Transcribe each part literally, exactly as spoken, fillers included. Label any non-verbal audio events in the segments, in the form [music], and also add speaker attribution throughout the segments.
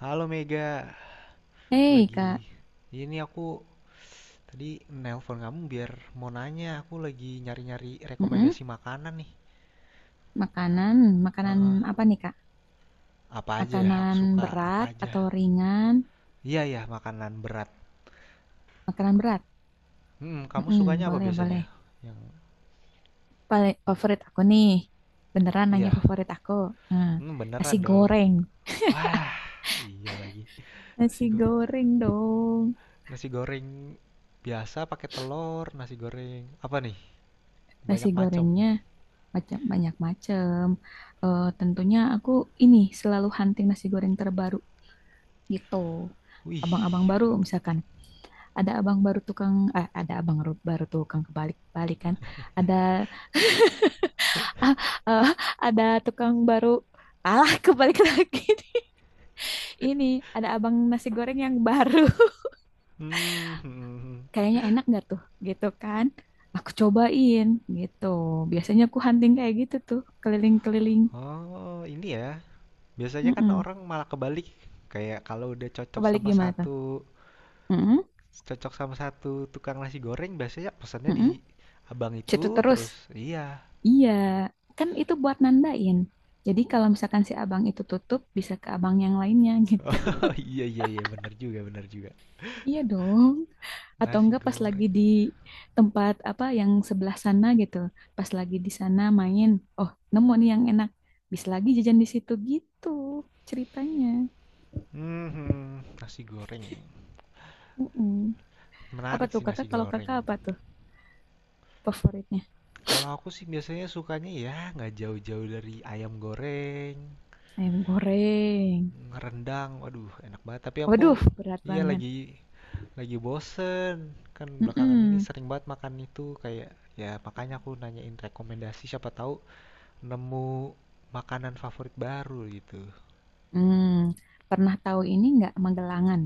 Speaker 1: Halo Mega, aku
Speaker 2: Hei
Speaker 1: lagi
Speaker 2: Kak.
Speaker 1: ini aku tadi nelpon kamu biar mau nanya, aku lagi nyari-nyari
Speaker 2: Mm-mm.
Speaker 1: rekomendasi makanan nih.
Speaker 2: Makanan, makanan
Speaker 1: Heeh,
Speaker 2: apa nih Kak?
Speaker 1: apa aja ya? Aku
Speaker 2: Makanan
Speaker 1: suka apa
Speaker 2: berat
Speaker 1: aja?
Speaker 2: atau ringan?
Speaker 1: Iya ya, makanan berat.
Speaker 2: Makanan berat.
Speaker 1: Hmm, kamu
Speaker 2: Mm-mm.
Speaker 1: sukanya apa
Speaker 2: Boleh,
Speaker 1: biasanya?
Speaker 2: boleh.
Speaker 1: Yang
Speaker 2: Paling favorit aku nih, beneran nanya
Speaker 1: iya,
Speaker 2: favorit aku. Nah,
Speaker 1: hmm,
Speaker 2: nasi
Speaker 1: beneran dong.
Speaker 2: goreng,
Speaker 1: Wah, iya lagi. Nasi
Speaker 2: nasi
Speaker 1: goreng,
Speaker 2: goreng dong.
Speaker 1: nasi goreng biasa pakai telur, nasi goreng apa nih?
Speaker 2: Nasi
Speaker 1: Banyak macam.
Speaker 2: gorengnya macam banyak macam. Eh, tentunya aku ini selalu hunting nasi goreng terbaru gitu. Abang-abang
Speaker 1: Wih,
Speaker 2: baru
Speaker 1: food.
Speaker 2: misalkan, ada abang baru tukang, eh, ada abang ru- baru tukang kebalik-balikan. Ada. [laughs] Ah, eh, ada tukang baru. Alah, kebalik [laughs] lagi nih. Ini ada abang nasi goreng yang baru. [laughs]
Speaker 1: Hmm, hmm, hmm. Hmm.
Speaker 2: Kayaknya enak nggak tuh? Gitu kan? Aku cobain gitu. Biasanya aku hunting kayak gitu tuh, keliling-keliling.
Speaker 1: Oh, ini ya. Biasanya kan
Speaker 2: Mm-mm.
Speaker 1: orang malah kebalik, kayak kalau udah cocok
Speaker 2: Kebalik
Speaker 1: sama
Speaker 2: gimana tuh?
Speaker 1: satu
Speaker 2: Mm-mm.
Speaker 1: cocok sama satu tukang nasi goreng biasanya pesannya di
Speaker 2: Mm-mm.
Speaker 1: abang
Speaker 2: Situ
Speaker 1: itu
Speaker 2: terus.
Speaker 1: terus. Iya. [laughs]
Speaker 2: Iya, kan itu buat nandain. Jadi kalau misalkan si abang itu tutup, bisa ke abang yang lainnya gitu. [laughs]
Speaker 1: Oh, iya, iya, iya, bener juga, bener juga.
Speaker 2: Iya dong. Atau
Speaker 1: Nasi
Speaker 2: enggak pas lagi
Speaker 1: goreng
Speaker 2: di
Speaker 1: nih.
Speaker 2: tempat apa yang sebelah sana gitu, pas lagi di sana main, oh nemu nih yang enak, bisa lagi jajan di situ gitu ceritanya.
Speaker 1: Mhm, nasi goreng.
Speaker 2: Mm-mm. Apa
Speaker 1: Menarik
Speaker 2: tuh
Speaker 1: sih
Speaker 2: kakak,
Speaker 1: nasi
Speaker 2: kalau
Speaker 1: goreng.
Speaker 2: kakak apa tuh favoritnya?
Speaker 1: Kalau aku sih biasanya sukanya ya nggak jauh-jauh dari ayam goreng,
Speaker 2: Ayam goreng,
Speaker 1: rendang, waduh enak banget. Tapi aku,
Speaker 2: waduh berat
Speaker 1: iya
Speaker 2: banget.
Speaker 1: lagi. Lagi bosen. Kan belakangan ini
Speaker 2: Mm-mm.
Speaker 1: sering banget makan itu kayak ya, makanya aku nanyain rekomendasi siapa tahu nemu makanan favorit baru gitu.
Speaker 2: Hmm, Pernah tahu ini nggak Magelangan?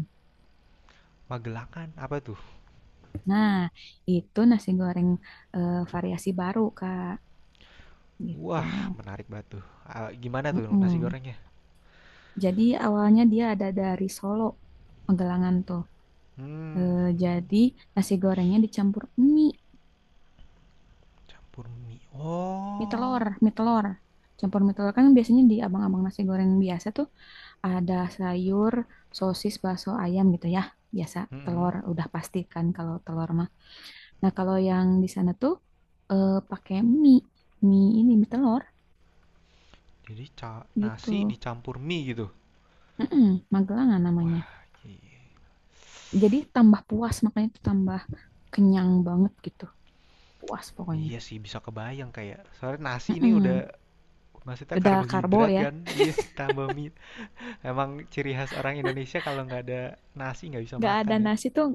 Speaker 1: Magelangan apa tuh?
Speaker 2: Nah, itu nasi goreng, eh, variasi baru, Kak. Gitu.
Speaker 1: Wah, menarik banget tuh. Ah, gimana tuh nasi
Speaker 2: Mm-mm.
Speaker 1: gorengnya?
Speaker 2: Jadi awalnya dia ada dari Solo, Pegalangan tuh.
Speaker 1: Hmm,
Speaker 2: Eh,
Speaker 1: hmm,
Speaker 2: jadi nasi gorengnya dicampur mie,
Speaker 1: campur mie.
Speaker 2: mie
Speaker 1: Oh.
Speaker 2: telur, mie telur. Campur mie telur kan biasanya di abang-abang nasi goreng biasa tuh ada sayur, sosis, bakso, ayam gitu ya. Biasa
Speaker 1: hmm
Speaker 2: telur udah pasti kan kalau telur mah. Nah, kalau yang di sana tuh, eh, pakai mie, mie ini mie telur
Speaker 1: Jadi ca-
Speaker 2: gitu.
Speaker 1: nasi dicampur mie gitu.
Speaker 2: Mm-mm, Magelangan
Speaker 1: Wah,
Speaker 2: namanya.
Speaker 1: i-
Speaker 2: Jadi tambah puas makanya tuh tambah kenyang banget gitu. Puas pokoknya.
Speaker 1: iya sih bisa kebayang kayak soalnya nasi ini udah
Speaker 2: Mm-mm.
Speaker 1: maksudnya
Speaker 2: Udah karbo
Speaker 1: karbohidrat
Speaker 2: ya,
Speaker 1: kan? Iya, tambah mie. Emang ciri khas orang Indonesia kalau nggak ada nasi nggak bisa
Speaker 2: nggak ada
Speaker 1: makan ya.
Speaker 2: nasi tuh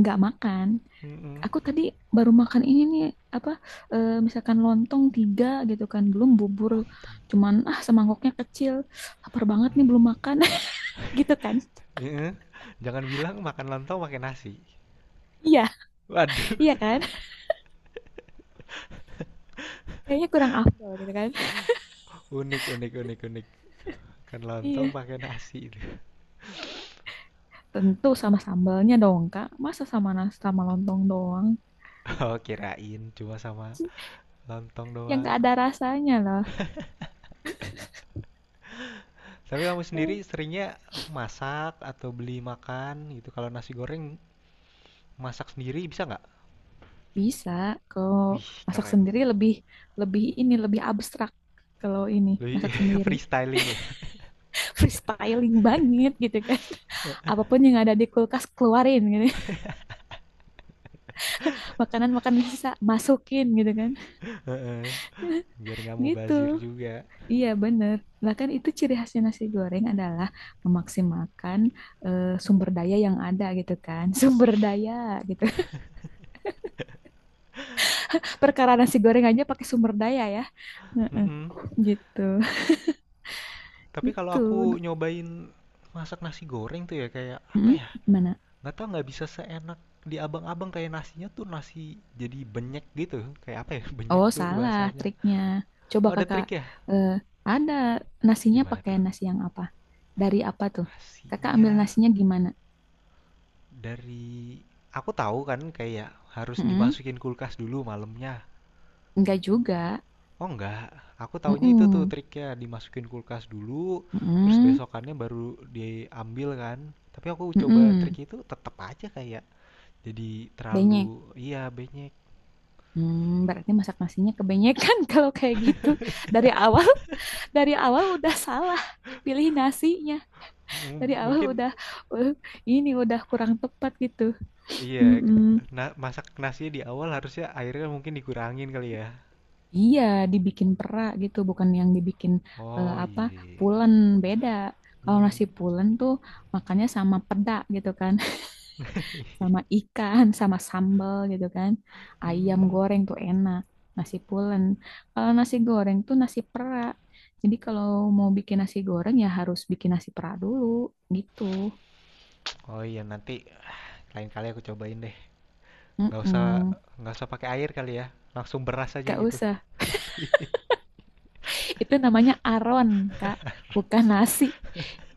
Speaker 2: nggak makan.
Speaker 1: Mm-mm.
Speaker 2: Aku tadi baru makan ini nih, apa, eh, misalkan lontong tiga gitu kan belum bubur,
Speaker 1: Lontong.
Speaker 2: cuman ah semangkoknya kecil, lapar banget nih belum makan. [laughs] Gitu kan.
Speaker 1: Iya. Jangan bilang makan lontong pakai nasi.
Speaker 2: Iya.
Speaker 1: Waduh.
Speaker 2: Iya kan, kayaknya kurang afdol gitu kan.
Speaker 1: [laughs] Unik, unik, unik, unik. Makan lontong
Speaker 2: Iya,
Speaker 1: pakai nasi itu. [laughs]
Speaker 2: tentu sama sambalnya dong Kak, masa sama nasi sama lontong doang
Speaker 1: Oh, kirain cuma sama lontong
Speaker 2: yang
Speaker 1: doang.
Speaker 2: nggak ada rasanya lah.
Speaker 1: Tapi kamu sendiri
Speaker 2: Eh,
Speaker 1: seringnya masak atau beli makan gitu. Kalau nasi goreng masak sendiri bisa nggak?
Speaker 2: Bisa. Kalau
Speaker 1: Wih,
Speaker 2: masak
Speaker 1: keren.
Speaker 2: sendiri lebih, lebih ini lebih abstrak, kalau ini
Speaker 1: Lebih
Speaker 2: masak
Speaker 1: [laughs]
Speaker 2: sendiri.
Speaker 1: freestyling ya.
Speaker 2: Freestyling banget gitu kan. [laughs] Apapun yang ada di kulkas keluarin gitu. [laughs] Makanan-makanan sisa masukin gitu kan. [laughs]
Speaker 1: [laughs] Biar nggak
Speaker 2: Gitu.
Speaker 1: mubazir juga.
Speaker 2: Iya bener. Bahkan itu ciri khasnya nasi goreng adalah memaksimalkan, eh, sumber daya yang ada gitu kan. [laughs] Sumber daya gitu. Perkara nasi goreng aja pakai sumber daya ya. Heeh.
Speaker 1: Mm-mm.
Speaker 2: Gitu.
Speaker 1: Tapi kalau
Speaker 2: Gitu.
Speaker 1: aku nyobain masak nasi goreng tuh ya kayak apa
Speaker 2: Mm,
Speaker 1: ya?
Speaker 2: gimana?
Speaker 1: Nggak tahu nggak bisa seenak di abang-abang kayak nasinya tuh nasi jadi benyek gitu. Kayak apa ya? [laughs] Benyek
Speaker 2: Oh,
Speaker 1: tuh
Speaker 2: salah
Speaker 1: bahasanya.
Speaker 2: triknya. Coba
Speaker 1: Oh, ada
Speaker 2: kakak,
Speaker 1: trik ya?
Speaker 2: eh, ada nasinya
Speaker 1: Gimana
Speaker 2: pakai
Speaker 1: tuh?
Speaker 2: nasi yang apa? Dari apa tuh? Kakak
Speaker 1: Nasinya
Speaker 2: ambil nasinya gimana?
Speaker 1: dari aku tahu kan kayak harus
Speaker 2: Mm-mm.
Speaker 1: dimasukin kulkas dulu malamnya.
Speaker 2: Enggak juga.
Speaker 1: Oh enggak, aku taunya itu tuh
Speaker 2: Mm-mm.
Speaker 1: triknya dimasukin kulkas dulu, terus
Speaker 2: Mm-mm.
Speaker 1: besokannya baru diambil kan. Tapi aku coba trik
Speaker 2: Mm-mm.
Speaker 1: itu tetap aja kayak. Jadi terlalu.
Speaker 2: Benyek.
Speaker 1: Iya, banyak.
Speaker 2: Hmm, berarti masak nasinya kebenyekan [laughs] kalau kayak gitu. Dari awal, [laughs] dari awal udah salah pilih nasinya. Dari
Speaker 1: M-
Speaker 2: awal
Speaker 1: mungkin
Speaker 2: udah, eh, ini udah kurang tepat gitu.
Speaker 1: iya,
Speaker 2: Mm-mm.
Speaker 1: na masak nasinya di awal harusnya airnya mungkin dikurangin kali ya.
Speaker 2: Iya, dibikin perak gitu, bukan yang dibikin, eh,
Speaker 1: Oh
Speaker 2: apa,
Speaker 1: iya.
Speaker 2: pulen, beda. Kalau
Speaker 1: Hmm.
Speaker 2: nasi pulen tuh makannya sama pedak gitu kan, [laughs]
Speaker 1: [laughs]
Speaker 2: sama ikan, sama sambal gitu kan. Ayam
Speaker 1: Hmm.
Speaker 2: goreng tuh enak, nasi pulen. Kalau nasi goreng tuh nasi perak. Jadi kalau mau bikin nasi goreng ya harus bikin nasi perak dulu gitu.
Speaker 1: Oh iya, nanti lain kali aku cobain deh. Nggak usah
Speaker 2: Mm-mm.
Speaker 1: nggak usah pakai air kali ya. Langsung beras aja
Speaker 2: Gak
Speaker 1: gitu.
Speaker 2: usah.
Speaker 1: [laughs]
Speaker 2: Itu namanya aron, Kak. Bukan nasi.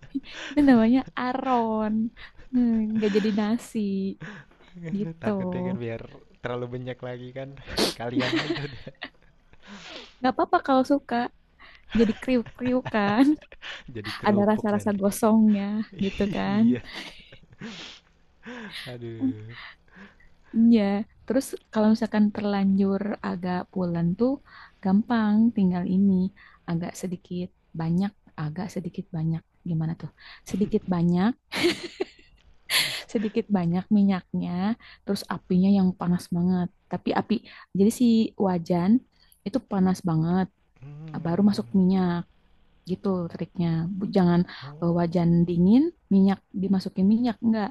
Speaker 2: [laughs] Itu namanya aron. Hmm, nggak jadi nasi gitu.
Speaker 1: Takutnya kan biar terlalu banyak lagi kan. [laughs] Sekalian aja udah
Speaker 2: Nggak apa-apa kalau suka. Jadi kriuk-kriuk kan.
Speaker 1: [laughs] jadi
Speaker 2: [laughs] Ada
Speaker 1: kerupuk
Speaker 2: rasa-rasa
Speaker 1: nanti.
Speaker 2: gosongnya gitu
Speaker 1: [laughs]
Speaker 2: kan.
Speaker 1: Iya.
Speaker 2: Hmm.
Speaker 1: Aduh.
Speaker 2: Iya. Terus kalau misalkan terlanjur agak pulen tuh gampang. Tinggal ini agak sedikit banyak, agak sedikit banyak. Gimana tuh? Sedikit banyak sedikit banyak minyaknya, terus apinya yang panas banget. Tapi api, jadi si wajan itu panas banget, baru
Speaker 1: Hmm.
Speaker 2: masuk minyak gitu triknya. Jangan, eh, wajan
Speaker 1: Oh.
Speaker 2: dingin, minyak dimasukin minyak enggak.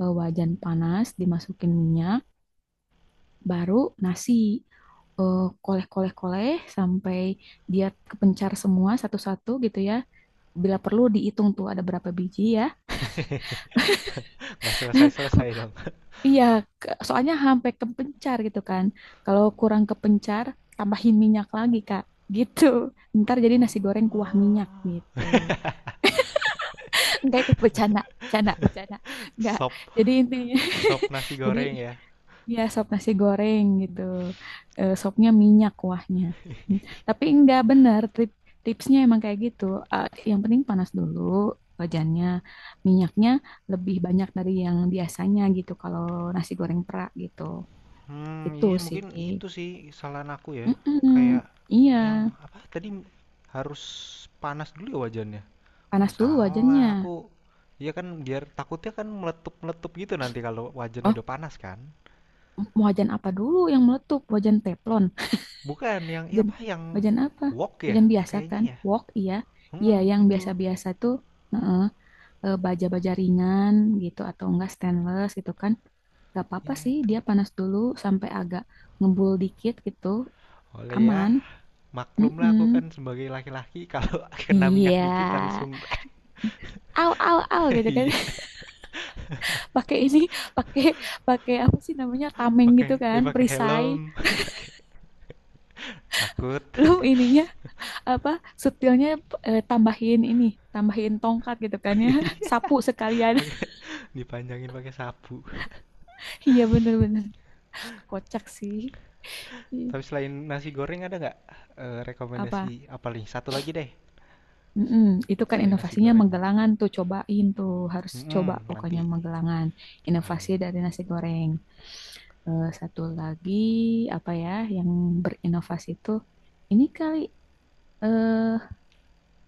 Speaker 2: Eh, wajan panas dimasukin minyak, baru nasi, eh, koleh-koleh-koleh sampai dia kepencar semua satu-satu gitu ya. Bila perlu dihitung tuh ada berapa biji ya.
Speaker 1: [laughs] Nggak selesai-selesai
Speaker 2: [laughs]
Speaker 1: dong.
Speaker 2: Iya, ke- soalnya sampai kepencar gitu kan. Kalau kurang kepencar, tambahin minyak lagi, Kak. Gitu. Ntar jadi nasi goreng kuah minyak
Speaker 1: Oh,
Speaker 2: gitu. [laughs] Enggak, itu bercanda, bercanda, bercanda. Enggak.
Speaker 1: sop,
Speaker 2: Jadi intinya
Speaker 1: sop nasi
Speaker 2: [laughs] jadi
Speaker 1: goreng ya.
Speaker 2: ya sop nasi goreng gitu. Eh, sopnya minyak kuahnya. Hmm. Tapi enggak benar tip- tipsnya emang kayak gitu. Eh, yang penting panas dulu wajannya. Minyaknya lebih banyak dari yang biasanya gitu kalau nasi goreng pra gitu
Speaker 1: Hmm,
Speaker 2: itu
Speaker 1: iya
Speaker 2: sih.
Speaker 1: mungkin itu sih kesalahan aku ya.
Speaker 2: Mm-mm.
Speaker 1: Kayak
Speaker 2: Iya,
Speaker 1: yang apa tadi harus panas dulu ya wajannya. Oh,
Speaker 2: panas dulu
Speaker 1: salah. Aku
Speaker 2: wajannya.
Speaker 1: iya kan biar takutnya kan meletup-meletup gitu nanti kalau wajannya
Speaker 2: Oh,
Speaker 1: udah panas kan.
Speaker 2: mau wajan apa dulu yang meletup? Wajan teflon.
Speaker 1: Bukan
Speaker 2: [laughs]
Speaker 1: yang iya
Speaker 2: Wajan,
Speaker 1: apa yang
Speaker 2: Wajan apa?
Speaker 1: wok ya
Speaker 2: Wajan biasa
Speaker 1: kayaknya
Speaker 2: kan?
Speaker 1: ya.
Speaker 2: Wok, iya. Iya,
Speaker 1: Hmm,
Speaker 2: yang
Speaker 1: itu.
Speaker 2: biasa-biasa tuh heeh, eh, baja-baja ringan gitu atau enggak stainless gitu kan. Gak apa-apa
Speaker 1: Iya
Speaker 2: sih,
Speaker 1: itu.
Speaker 2: dia panas dulu sampai agak ngebul dikit gitu.
Speaker 1: Oleh ya,
Speaker 2: Aman.
Speaker 1: maklumlah aku kan
Speaker 2: Mm-mm.
Speaker 1: sebagai laki-laki [laughs] kalau kena minyak
Speaker 2: Iya.
Speaker 1: dikit langsung
Speaker 2: Au, au, au gitu kan.
Speaker 1: iya
Speaker 2: Pakai ini. [laughs] pakai Pakai apa sih namanya,
Speaker 1: [laughs]
Speaker 2: tameng
Speaker 1: pakai
Speaker 2: gitu kan,
Speaker 1: dipakai
Speaker 2: perisai.
Speaker 1: helm [laughs] takut
Speaker 2: Belum ininya apa setilnya, eh, tambahin ini, tambahin tongkat gitu kan ya
Speaker 1: iya
Speaker 2: [laughs] sapu sekalian.
Speaker 1: [laughs] pakai dipanjangin pakai sapu.
Speaker 2: [laughs] Iya bener-bener kocak sih. Ih,
Speaker 1: Tapi selain nasi goreng ada nggak eh,
Speaker 2: apa.
Speaker 1: rekomendasi apa nih satu lagi deh
Speaker 2: Mm-mm, itu kan
Speaker 1: selain nasi
Speaker 2: inovasinya
Speaker 1: goreng.
Speaker 2: Magelangan tuh cobain tuh harus coba
Speaker 1: Mm-mm, nanti
Speaker 2: pokoknya Magelangan,
Speaker 1: cobain
Speaker 2: inovasi dari nasi goreng. Eh, satu lagi apa ya, yang berinovasi itu ini kali, eh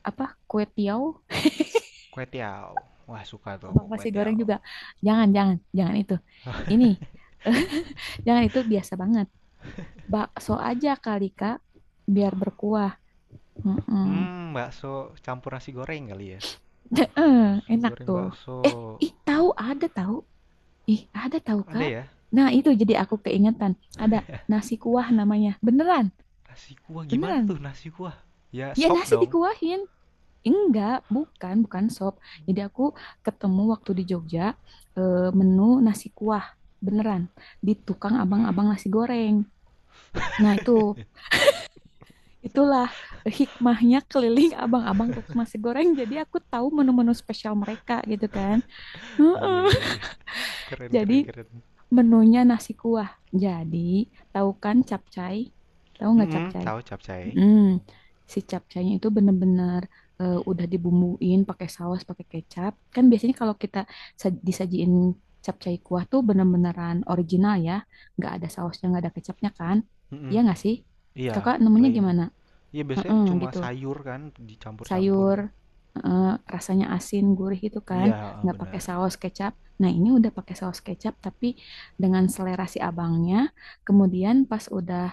Speaker 2: apa, kue tiaw.
Speaker 1: kue tiao, wah suka tuh aku
Speaker 2: Abang
Speaker 1: kue
Speaker 2: nasi goreng
Speaker 1: tiao.
Speaker 2: juga. Jangan, jangan, jangan itu. Ini, [laughs] jangan itu biasa banget. Bakso aja kali, Kak. Biar berkuah. Mm-mm.
Speaker 1: Hmm bakso campur nasi goreng kali ya,
Speaker 2: [laughs] Heeh,
Speaker 1: nasi
Speaker 2: enak
Speaker 1: goreng
Speaker 2: tuh.
Speaker 1: bakso.
Speaker 2: Eh, Ih, tahu ada tahu. Ih, ada tahu,
Speaker 1: Ada
Speaker 2: Kak.
Speaker 1: ya?
Speaker 2: Nah, itu jadi aku keingetan. Ada nasi kuah namanya. Beneran,
Speaker 1: Nasi kuah gimana
Speaker 2: beneran.
Speaker 1: tuh nasi kuah? Ya,
Speaker 2: Ya,
Speaker 1: sop
Speaker 2: nasi
Speaker 1: dong.
Speaker 2: dikuahin. Enggak, bukan, bukan sop. Jadi aku ketemu waktu di Jogja, eh, menu nasi kuah. Beneran di tukang abang-abang nasi goreng. Nah, itu itulah hikmahnya keliling abang-abang tukang nasi goreng. Jadi aku tahu menu-menu spesial mereka gitu kan.
Speaker 1: [laughs] Iya, iya,
Speaker 2: Heeh.
Speaker 1: iya, keren,
Speaker 2: Jadi
Speaker 1: keren, keren.
Speaker 2: menunya nasi kuah. Jadi, tahu kan capcay? Tahu nggak
Speaker 1: Mhm,
Speaker 2: capcay?
Speaker 1: tahu capcay.
Speaker 2: Hmm, Si capcaynya itu bener-bener, eh, udah dibumbuin pakai saus, pakai kecap. Kan biasanya kalau kita sa- disajiin capcay kuah tuh bener-beneran original ya. Nggak ada sausnya, nggak ada kecapnya kan?
Speaker 1: Mhm,
Speaker 2: Iya nggak sih?
Speaker 1: iya,
Speaker 2: Kakak nemunya
Speaker 1: plain.
Speaker 2: gimana?
Speaker 1: Iya, biasanya
Speaker 2: Heeh,
Speaker 1: cuma
Speaker 2: gitu
Speaker 1: sayur kan dicampur-campur.
Speaker 2: sayur, heeh, rasanya asin gurih itu kan,
Speaker 1: Iya, heeh,
Speaker 2: nggak pakai
Speaker 1: benar.
Speaker 2: saus kecap. Nah, ini udah pakai saus kecap tapi dengan selera si abangnya. Kemudian pas udah,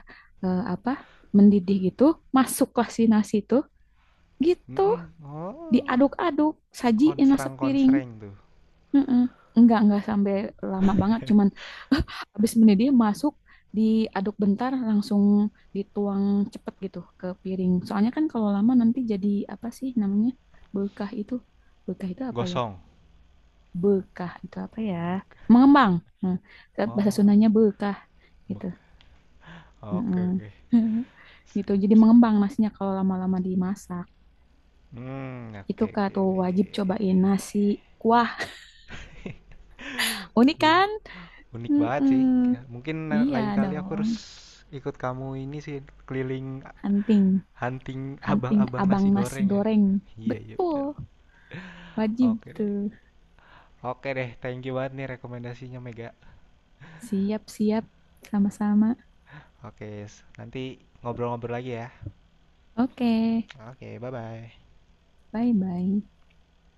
Speaker 2: eh, apa, mendidih gitu, masuklah si nasi itu gitu,
Speaker 1: Mhm, oh,
Speaker 2: diaduk-aduk, sajiin lah sepiring.
Speaker 1: konsrang-konsreng tuh.
Speaker 2: Mm-mm. Enggak, enggak sampai lama banget. Cuman [laughs] habis mendidih dia masuk, diaduk bentar, langsung dituang cepet gitu ke piring. Soalnya kan kalau lama nanti jadi apa sih namanya? Bekah itu. Bekah itu apa ya?
Speaker 1: Gosong.
Speaker 2: Bekah itu apa ya? Mengembang. Nah, bahasa
Speaker 1: Oh,
Speaker 2: Sundanya bekah
Speaker 1: bek
Speaker 2: gitu.
Speaker 1: oke,
Speaker 2: Mm-mm.
Speaker 1: oke.
Speaker 2: [laughs] Gitu, jadi mengembang nasinya kalau lama-lama dimasak.
Speaker 1: Mmm,
Speaker 2: Itu
Speaker 1: oke,
Speaker 2: Kak
Speaker 1: oke, iya,
Speaker 2: tuh wajib
Speaker 1: iya, iya, iya,
Speaker 2: cobain nasi
Speaker 1: iya.
Speaker 2: kuah.
Speaker 1: [laughs]
Speaker 2: Unik
Speaker 1: Iya,
Speaker 2: kan?
Speaker 1: unik banget
Speaker 2: Mm-mm.
Speaker 1: sih. Kayak mungkin na
Speaker 2: Iya
Speaker 1: lain kali aku
Speaker 2: dong.
Speaker 1: harus ikut kamu ini sih, keliling
Speaker 2: Hunting,
Speaker 1: hunting
Speaker 2: hunting
Speaker 1: abang-abang
Speaker 2: abang
Speaker 1: nasi
Speaker 2: nasi
Speaker 1: goreng ya.
Speaker 2: goreng.
Speaker 1: Iya, iya, benar.
Speaker 2: Betul, wajib
Speaker 1: Oke deh.
Speaker 2: tuh.
Speaker 1: Oke deh, thank you banget nih rekomendasinya Mega.
Speaker 2: Siap-siap, sama-sama.
Speaker 1: Oke, nanti ngobrol-ngobrol lagi ya.
Speaker 2: Oke,
Speaker 1: Oke, bye-bye.
Speaker 2: bye-bye.